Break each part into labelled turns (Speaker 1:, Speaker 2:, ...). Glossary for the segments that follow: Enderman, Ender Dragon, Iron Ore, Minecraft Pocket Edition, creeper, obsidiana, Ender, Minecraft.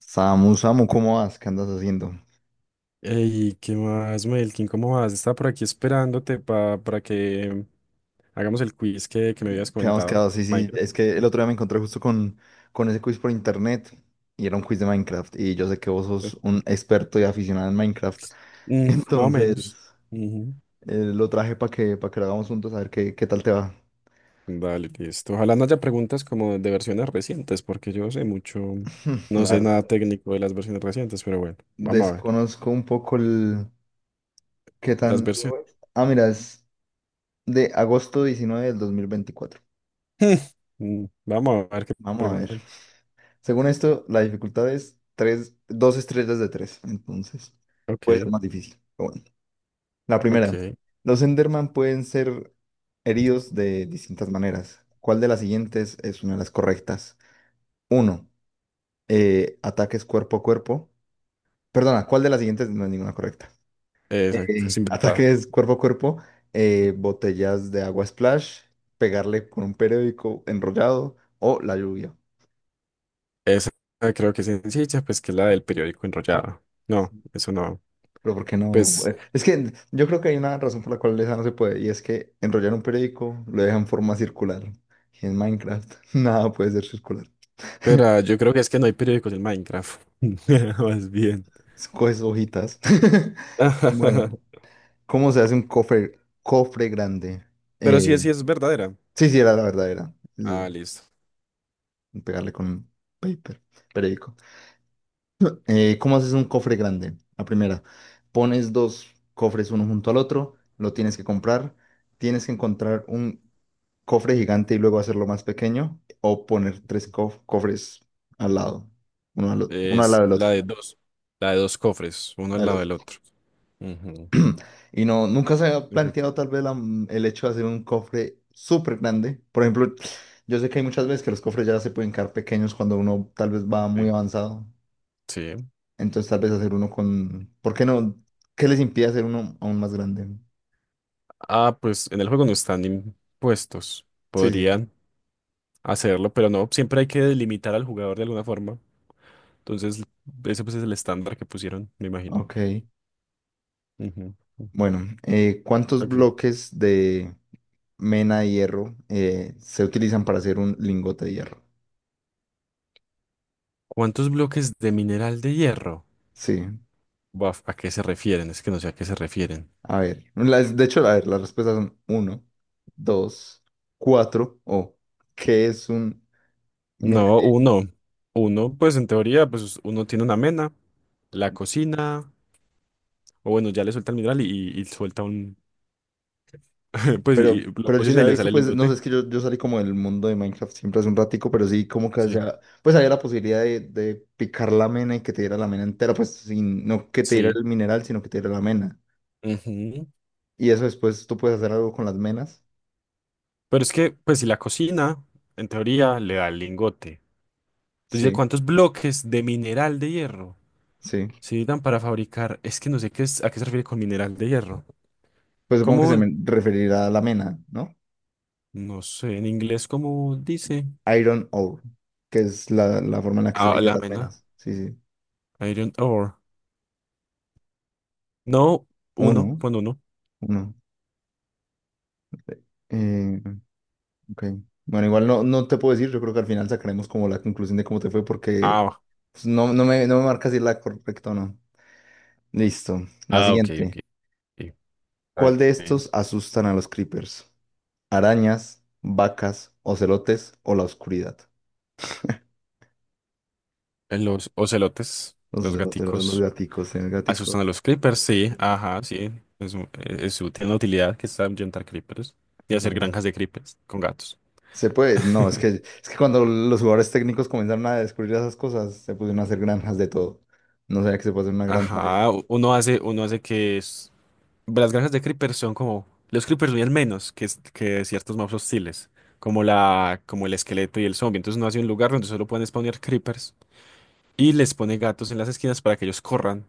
Speaker 1: Samu, ¿cómo vas? ¿Qué andas haciendo?
Speaker 2: Ey, ¿qué más, Melkin? ¿Cómo vas? Estaba por aquí esperándote para que hagamos el quiz que me habías
Speaker 1: ¿Qué habíamos
Speaker 2: comentado.
Speaker 1: quedado? Sí, sí,
Speaker 2: Minecraft.
Speaker 1: es que el otro
Speaker 2: Ujú.
Speaker 1: día me encontré justo con ese quiz por internet y era un quiz de Minecraft y yo sé que vos
Speaker 2: Eh,
Speaker 1: sos un experto y aficionado en Minecraft,
Speaker 2: Más o
Speaker 1: entonces
Speaker 2: menos. Ujú.
Speaker 1: lo traje para que lo hagamos juntos a ver qué tal te va.
Speaker 2: Dale, listo. Ojalá no haya preguntas como de versiones recientes, porque yo sé mucho, no
Speaker 1: La
Speaker 2: sé
Speaker 1: verdad,
Speaker 2: nada técnico de las versiones recientes, pero bueno, vamos a ver.
Speaker 1: desconozco un poco el qué
Speaker 2: Las
Speaker 1: tan...
Speaker 2: versiones.
Speaker 1: Ah, mira, es de 19 de agosto de 2024.
Speaker 2: Vamos a ver qué
Speaker 1: Vamos a ver.
Speaker 2: preguntan.
Speaker 1: Según esto, la dificultad es tres, dos estrellas de tres, entonces puede ser
Speaker 2: Ok,
Speaker 1: más difícil, pero bueno. La primera,
Speaker 2: ok.
Speaker 1: los Enderman pueden ser heridos de distintas maneras. ¿Cuál de las siguientes es una de las correctas? Uno, ataques cuerpo a cuerpo. Perdona, ¿cuál de las siguientes no es ninguna correcta?
Speaker 2: Exacto, es inventada.
Speaker 1: Ataques cuerpo a cuerpo, botellas de agua splash, pegarle con un periódico enrollado o la lluvia.
Speaker 2: Esa creo que es sencilla, pues que es la del periódico enrollado. No, eso no.
Speaker 1: Pero ¿por qué no?
Speaker 2: Pues,
Speaker 1: Es que yo creo que hay una razón por la cual esa no se puede, y es que enrollar un periódico lo deja en forma circular. Y en Minecraft nada puede ser circular.
Speaker 2: Será, yo creo que es que no hay periódicos en Minecraft. Más bien.
Speaker 1: Coges hojitas. Bueno, ¿cómo se hace un cofre grande?
Speaker 2: Pero sí,
Speaker 1: Eh,
Speaker 2: sí es verdadera.
Speaker 1: sí, sí, era la verdadera.
Speaker 2: Ah, listo.
Speaker 1: Pegarle con un paper, periódico. ¿Cómo haces un cofre grande? La primera, pones dos cofres uno junto al otro, lo tienes que comprar, tienes que encontrar un cofre gigante y luego hacerlo más pequeño, o poner tres cofres al lado, uno al
Speaker 2: Es
Speaker 1: lado del otro,
Speaker 2: la de dos. La de dos cofres, uno al
Speaker 1: de
Speaker 2: lado
Speaker 1: los
Speaker 2: del
Speaker 1: dos.
Speaker 2: otro. Ujú.
Speaker 1: Y no, nunca se ha
Speaker 2: Perfecto.
Speaker 1: planteado tal vez el hecho de hacer un cofre súper grande. Por ejemplo, yo sé que hay muchas veces que los cofres ya se pueden quedar pequeños cuando uno tal vez va muy
Speaker 2: Sí.
Speaker 1: avanzado.
Speaker 2: Sí.
Speaker 1: Entonces tal vez hacer uno con... ¿Por qué no? ¿Qué les impide hacer uno aún más grande?
Speaker 2: Ah, pues en el juego no están impuestos.
Speaker 1: Sí, sí, sí.
Speaker 2: Podrían hacerlo, pero no. Siempre hay que delimitar al jugador de alguna forma. Entonces, ese pues es el estándar que pusieron, me imagino.
Speaker 1: Ok.
Speaker 2: Ujú.
Speaker 1: Bueno, ¿cuántos
Speaker 2: Ok.
Speaker 1: bloques de... mena de hierro se utilizan para hacer un lingote de hierro?
Speaker 2: ¿Cuántos bloques de mineral de hierro?
Speaker 1: Sí,
Speaker 2: Buaf, ¿a qué se refieren? Es que no sé a qué se refieren.
Speaker 1: a ver, de hecho, a ver, las respuestas son uno, dos, cuatro o ¿qué es un...? Mira,
Speaker 2: No, uno. Uno, pues en teoría, pues uno tiene una mena, la cocina, o bueno, ya le suelta el mineral y suelta pues y
Speaker 1: pero,
Speaker 2: lo
Speaker 1: pero yo se
Speaker 2: cocina y
Speaker 1: había
Speaker 2: le sale
Speaker 1: visto,
Speaker 2: el
Speaker 1: pues, no sé,
Speaker 2: lingote.
Speaker 1: es que yo salí como del mundo de Minecraft siempre hace un ratico, pero sí como que, o
Speaker 2: Sí.
Speaker 1: sea, pues había la posibilidad de picar la mena y que te diera la mena entera, pues, sin, no que te diera
Speaker 2: Sí.
Speaker 1: el mineral, sino que te diera la mena.
Speaker 2: Ujú.
Speaker 1: Y eso después tú puedes hacer algo con las menas.
Speaker 2: Pero es que, pues si la cocina, en teoría, le da el lingote. Entonces,
Speaker 1: Sí,
Speaker 2: ¿cuántos bloques de mineral de hierro
Speaker 1: sí.
Speaker 2: se necesitan para fabricar? Es que no sé qué es, a qué se refiere con mineral de hierro.
Speaker 1: Pues supongo que se
Speaker 2: ¿Cómo?
Speaker 1: me referirá a la mena, ¿no?
Speaker 2: No sé, en inglés, ¿cómo dice?
Speaker 1: Iron Ore, que es la, la forma en la que se le
Speaker 2: Ah,
Speaker 1: dice a
Speaker 2: la
Speaker 1: las
Speaker 2: mena.
Speaker 1: venas. Sí, sí.
Speaker 2: Iron Ore. No,
Speaker 1: Uno,
Speaker 2: uno, pon uno.
Speaker 1: uno. Eh, ok. Bueno, igual no, no te puedo decir, yo creo que al final sacaremos como la conclusión de cómo te fue porque
Speaker 2: Ah.
Speaker 1: pues, no, no me marca si es la correcta o no. Listo. La
Speaker 2: Ah, ok, ok.
Speaker 1: siguiente.
Speaker 2: Ok.
Speaker 1: ¿Cuál
Speaker 2: Está
Speaker 1: de
Speaker 2: bien.
Speaker 1: estos asustan a los creepers? ¿Arañas, vacas, ocelotes o la oscuridad?
Speaker 2: Los ocelotes,
Speaker 1: Los
Speaker 2: los
Speaker 1: ocelotes, los
Speaker 2: gaticos,
Speaker 1: gaticos, el
Speaker 2: asustan
Speaker 1: gatico.
Speaker 2: a los creepers, sí, ajá, sí. Es, u- es útil, tiene una utilidad que es ahuyentar creepers y hacer granjas de creepers con gatos.
Speaker 1: Se puede, no, es que cuando los jugadores técnicos comenzaron a descubrir esas cosas, se pusieron a hacer granjas de todo. No sabía que se puede hacer una granja
Speaker 2: Ajá,
Speaker 1: de...
Speaker 2: uno hace, las granjas de creepers son como los creepers viven menos que, que ciertos mobs hostiles, como el esqueleto y el zombie. Entonces uno hace un lugar donde solo pueden spawnear creepers y les pone gatos en las esquinas para que ellos corran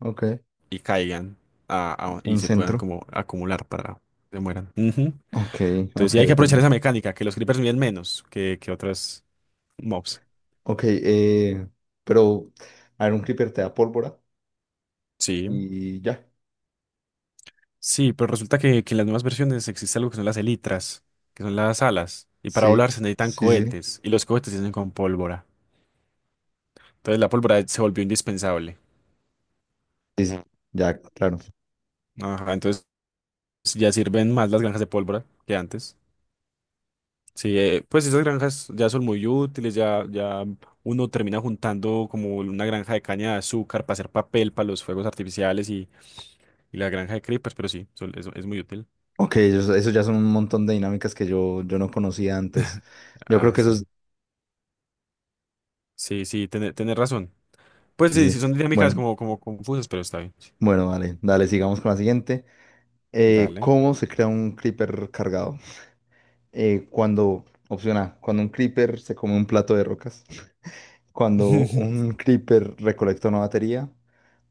Speaker 1: Ok,
Speaker 2: y caigan y
Speaker 1: un
Speaker 2: se puedan
Speaker 1: centro.
Speaker 2: como acumular para que se mueran. Ujú.
Speaker 1: Ok,
Speaker 2: Entonces
Speaker 1: ok,
Speaker 2: sí hay que
Speaker 1: ok.
Speaker 2: aprovechar esa mecánica, que los creepers miden menos que otras mobs.
Speaker 1: Ok, pero, a ver, un creeper te da pólvora
Speaker 2: Sí.
Speaker 1: y ya.
Speaker 2: Sí, pero resulta que en las nuevas versiones existe algo que son las elitras, que son las alas, y para
Speaker 1: Sí,
Speaker 2: volar se necesitan
Speaker 1: sí, sí.
Speaker 2: cohetes, y los cohetes se hacen con pólvora. Entonces la pólvora se volvió indispensable.
Speaker 1: Sí, sí, ya, claro.
Speaker 2: Ajá, entonces ya sirven más las granjas de pólvora que antes. Sí, pues esas granjas ya son muy útiles, ya uno termina juntando como una granja de caña de azúcar para hacer papel para los fuegos artificiales y la granja de creepers, pero sí, es muy útil.
Speaker 1: Ok, eso ya son un montón de dinámicas que yo no conocía antes. Yo
Speaker 2: Ah,
Speaker 1: creo que eso
Speaker 2: está
Speaker 1: es...
Speaker 2: bien. Sí, sí, tener razón. Pues sí,
Speaker 1: Sí,
Speaker 2: sí son dinámicas
Speaker 1: bueno,
Speaker 2: como, como confusas, pero está bien.
Speaker 1: bueno, vale, dale, sigamos con la siguiente.
Speaker 2: Dale.
Speaker 1: ¿Cómo se crea un creeper cargado? Opción A, cuando un creeper se come un plato de rocas. Cuando un creeper recolecta una batería.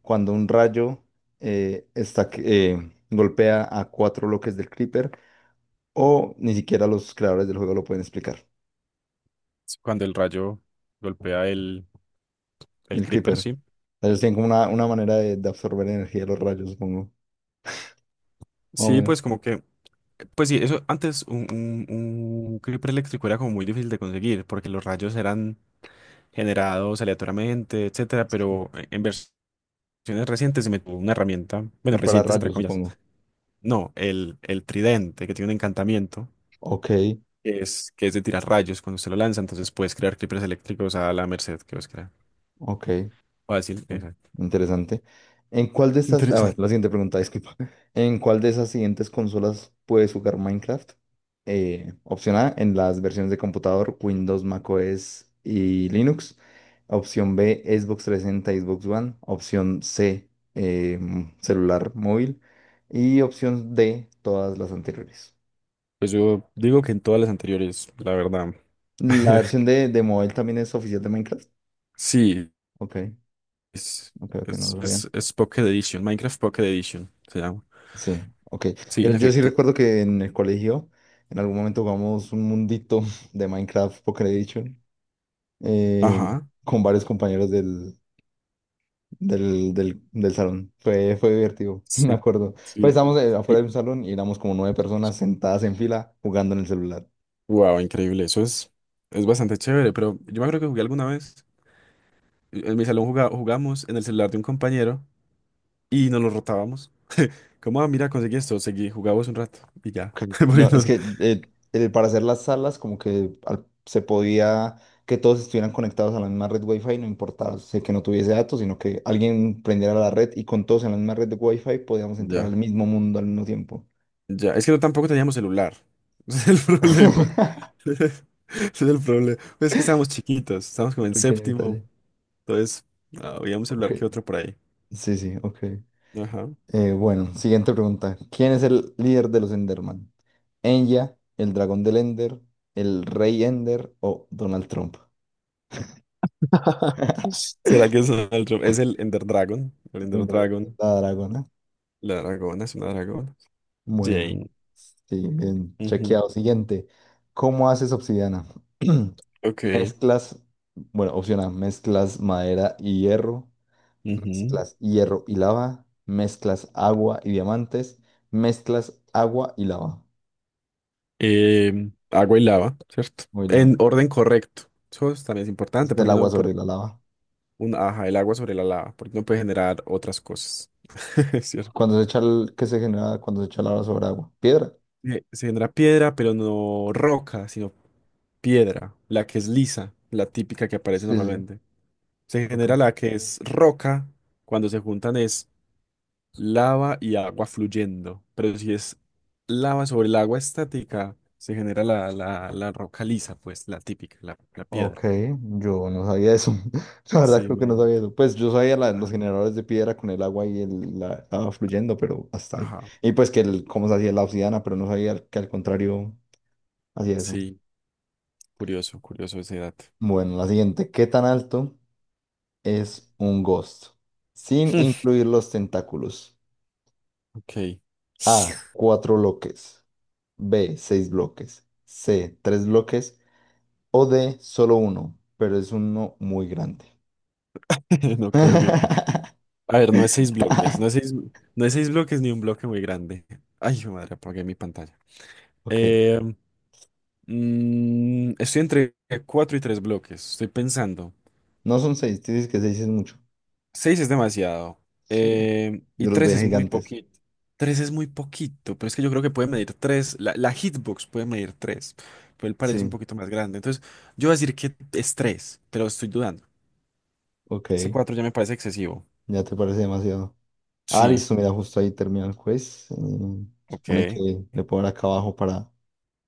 Speaker 1: Cuando un rayo golpea a cuatro bloques del creeper. O ni siquiera los creadores del juego lo pueden explicar.
Speaker 2: Cuando el rayo golpea el
Speaker 1: El
Speaker 2: creeper,
Speaker 1: creeper.
Speaker 2: sí.
Speaker 1: Ellos tienen como una manera de absorber energía de los rayos, supongo. Más o
Speaker 2: Sí, pues
Speaker 1: menos.
Speaker 2: como que, pues sí, eso antes un creeper eléctrico era como muy difícil de conseguir porque los rayos eran generados aleatoriamente, etcétera, pero en versiones recientes se metió una herramienta, bueno,
Speaker 1: El
Speaker 2: recientes entre
Speaker 1: pararrayos,
Speaker 2: comillas,
Speaker 1: supongo.
Speaker 2: no, el tridente que tiene un encantamiento
Speaker 1: Ok,
Speaker 2: que es de tirar rayos cuando se lo lanza, entonces puedes crear clippers eléctricos a la merced que vas a
Speaker 1: ok.
Speaker 2: fácil,
Speaker 1: Ok,
Speaker 2: exacto.
Speaker 1: interesante. ¿En cuál de estas, a ver,
Speaker 2: Interesante.
Speaker 1: la siguiente pregunta, disculpa. ¿En cuál de esas siguientes consolas puedes jugar Minecraft? Opción A, en las versiones de computador, Windows, macOS y Linux. Opción B, Xbox 360 y Xbox One. Opción C, eh, celular móvil. Y opción D, todas las anteriores.
Speaker 2: Pues yo digo que en todas las anteriores, la verdad.
Speaker 1: ¿La versión de móvil también es oficial de Minecraft?
Speaker 2: Sí,
Speaker 1: Ok,
Speaker 2: es,
Speaker 1: ok, no lo sabía.
Speaker 2: es Pocket Edition, Minecraft Pocket Edition se llama.
Speaker 1: Sí, ok.
Speaker 2: Sí,
Speaker 1: Yo,
Speaker 2: en
Speaker 1: yo sí
Speaker 2: efecto.
Speaker 1: recuerdo que en el colegio en algún momento jugamos un mundito de Minecraft Pocket Edition eh,
Speaker 2: Ajá.
Speaker 1: con varios compañeros del del salón. Fue, fue divertido, me
Speaker 2: Sí,
Speaker 1: acuerdo. Pues
Speaker 2: sí.
Speaker 1: estábamos afuera de un salón y éramos como 9 personas sentadas en fila jugando en el celular.
Speaker 2: Wow, increíble. Eso es bastante chévere, pero yo me acuerdo que jugué alguna vez. En mi salón jugamos en el celular de un compañero y nos lo rotábamos. Como, ah, mira, conseguí esto, seguí, jugábamos un rato y ya.
Speaker 1: Ok. No,
Speaker 2: Porque
Speaker 1: es
Speaker 2: no.
Speaker 1: que para hacer las salas como que se podía que todos estuvieran conectados a la misma red Wi-Fi, no importaba, o sea, que no tuviese datos, sino que alguien prendiera la red y con todos en la misma red de Wi-Fi podíamos entrar al
Speaker 2: Ya,
Speaker 1: mismo mundo al mismo tiempo.
Speaker 2: ya. Es que no, tampoco teníamos celular. Ese es el problema. Ese es el problema. Pues es que estábamos chiquitos, estábamos
Speaker 1: Un
Speaker 2: como en
Speaker 1: pequeño
Speaker 2: séptimo.
Speaker 1: detalle.
Speaker 2: Entonces, ah, había un
Speaker 1: Ok.
Speaker 2: celular que otro por ahí.
Speaker 1: Sí, sí, ok.
Speaker 2: Ajá.
Speaker 1: Bueno, siguiente pregunta. ¿Quién es el líder de los Enderman? ¿Enya, el dragón del Ender, el rey Ender o Donald Trump?
Speaker 2: ¿Será que es otro? Es el Ender Dragon. El
Speaker 1: El
Speaker 2: Ender
Speaker 1: dragón,
Speaker 2: Dragon.
Speaker 1: la dragona.
Speaker 2: La dragona es una dragona.
Speaker 1: Bueno,
Speaker 2: Jane.
Speaker 1: sí, bien,
Speaker 2: Ujú.
Speaker 1: chequeado. Siguiente, ¿cómo haces obsidiana?
Speaker 2: Ok.
Speaker 1: Mezclas, bueno, opción A, mezclas madera y hierro,
Speaker 2: Ujú.
Speaker 1: mezclas hierro y lava, mezclas agua y diamantes, mezclas agua y lava,
Speaker 2: Em, agua y lava, ¿cierto?
Speaker 1: o y
Speaker 2: En
Speaker 1: lava,
Speaker 2: orden correcto. También es
Speaker 1: es
Speaker 2: importante
Speaker 1: del
Speaker 2: porque uno
Speaker 1: agua
Speaker 2: no puede,
Speaker 1: sobre la lava.
Speaker 2: ajá, el agua sobre la lava, porque uno puede generar otras cosas. Es. ¿Cierto?
Speaker 1: Cuando se echa el, ¿qué se genera cuando se echa lava sobre agua? Piedra.
Speaker 2: Se genera piedra, pero no roca, sino piedra, la que es lisa, la típica que aparece
Speaker 1: Sí, sí, sí.
Speaker 2: normalmente. Se
Speaker 1: Ok.
Speaker 2: genera la que es roca, cuando se juntan es lava y agua fluyendo. Pero si es lava sobre el agua estática, se genera la roca lisa, pues, la típica, la
Speaker 1: Ok,
Speaker 2: piedra.
Speaker 1: yo no sabía eso. La verdad
Speaker 2: Sí,
Speaker 1: creo que no sabía
Speaker 2: imagínate.
Speaker 1: eso. Pues yo sabía los
Speaker 2: Ah.
Speaker 1: generadores de piedra con el agua y el, la estaba fluyendo, pero hasta ahí.
Speaker 2: Ajá.
Speaker 1: Y pues que el, cómo se hacía la obsidiana, pero no sabía que al contrario hacía eso.
Speaker 2: Sí, curioso, curioso ese dato.
Speaker 1: Bueno, la siguiente. ¿Qué tan alto es un ghost? Sin
Speaker 2: Hmm.
Speaker 1: incluir los tentáculos.
Speaker 2: Ok.
Speaker 1: A, 4 bloques. B, 6 bloques. C, 3 bloques. O D, solo uno, pero es uno muy grande.
Speaker 2: No creo que. A ver, no es 6 bloques. No es 6 bloques ni un bloque muy grande. Ay, mi madre, apagué mi pantalla.
Speaker 1: Ok.
Speaker 2: Eh, Estoy entre 4 y 3 bloques. Estoy pensando.
Speaker 1: No son seis, tú dices que seis es mucho.
Speaker 2: Seis es demasiado.
Speaker 1: Sí.
Speaker 2: Y
Speaker 1: Yo los
Speaker 2: tres
Speaker 1: veía
Speaker 2: es muy
Speaker 1: gigantes.
Speaker 2: poquito. Tres es muy poquito, pero es que yo creo que puede medir tres. La hitbox puede medir tres, pero él parece un
Speaker 1: Sí,
Speaker 2: poquito más grande. Entonces, yo voy a decir que es tres, pero estoy dudando.
Speaker 1: ok.
Speaker 2: Ese cuatro ya me parece excesivo.
Speaker 1: Ya te parece demasiado. Ah,
Speaker 2: Sí,
Speaker 1: listo, mira, justo ahí termina el quiz.
Speaker 2: ok.
Speaker 1: Supone que le puedo dar acá abajo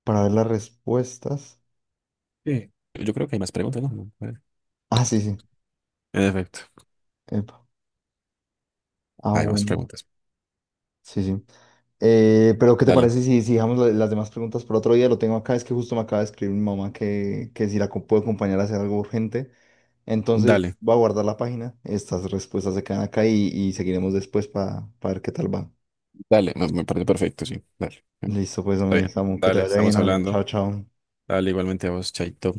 Speaker 1: para ver las respuestas.
Speaker 2: Sí. Yo creo que hay más preguntas, ¿no? En
Speaker 1: Ah, sí, sí.
Speaker 2: efecto,
Speaker 1: Epa. Ah,
Speaker 2: hay más
Speaker 1: bueno.
Speaker 2: preguntas.
Speaker 1: Sí, sí. Pero ¿qué te
Speaker 2: Dale,
Speaker 1: parece si, si dejamos las demás preguntas por otro día? Lo tengo acá, es que justo me acaba de escribir mi mamá que si puedo acompañar a hacer algo urgente. Entonces
Speaker 2: dale,
Speaker 1: voy a guardar la página, estas respuestas se quedan acá y seguiremos después para ver qué tal va.
Speaker 2: dale. Me parece perfecto, sí. Dale.
Speaker 1: Listo, pues,
Speaker 2: Está
Speaker 1: hombre,
Speaker 2: bien.
Speaker 1: Samu, que te
Speaker 2: Dale,
Speaker 1: vaya bien,
Speaker 2: estamos
Speaker 1: hombre. Chao,
Speaker 2: hablando.
Speaker 1: chao.
Speaker 2: Dale, igualmente a vos, Chaito.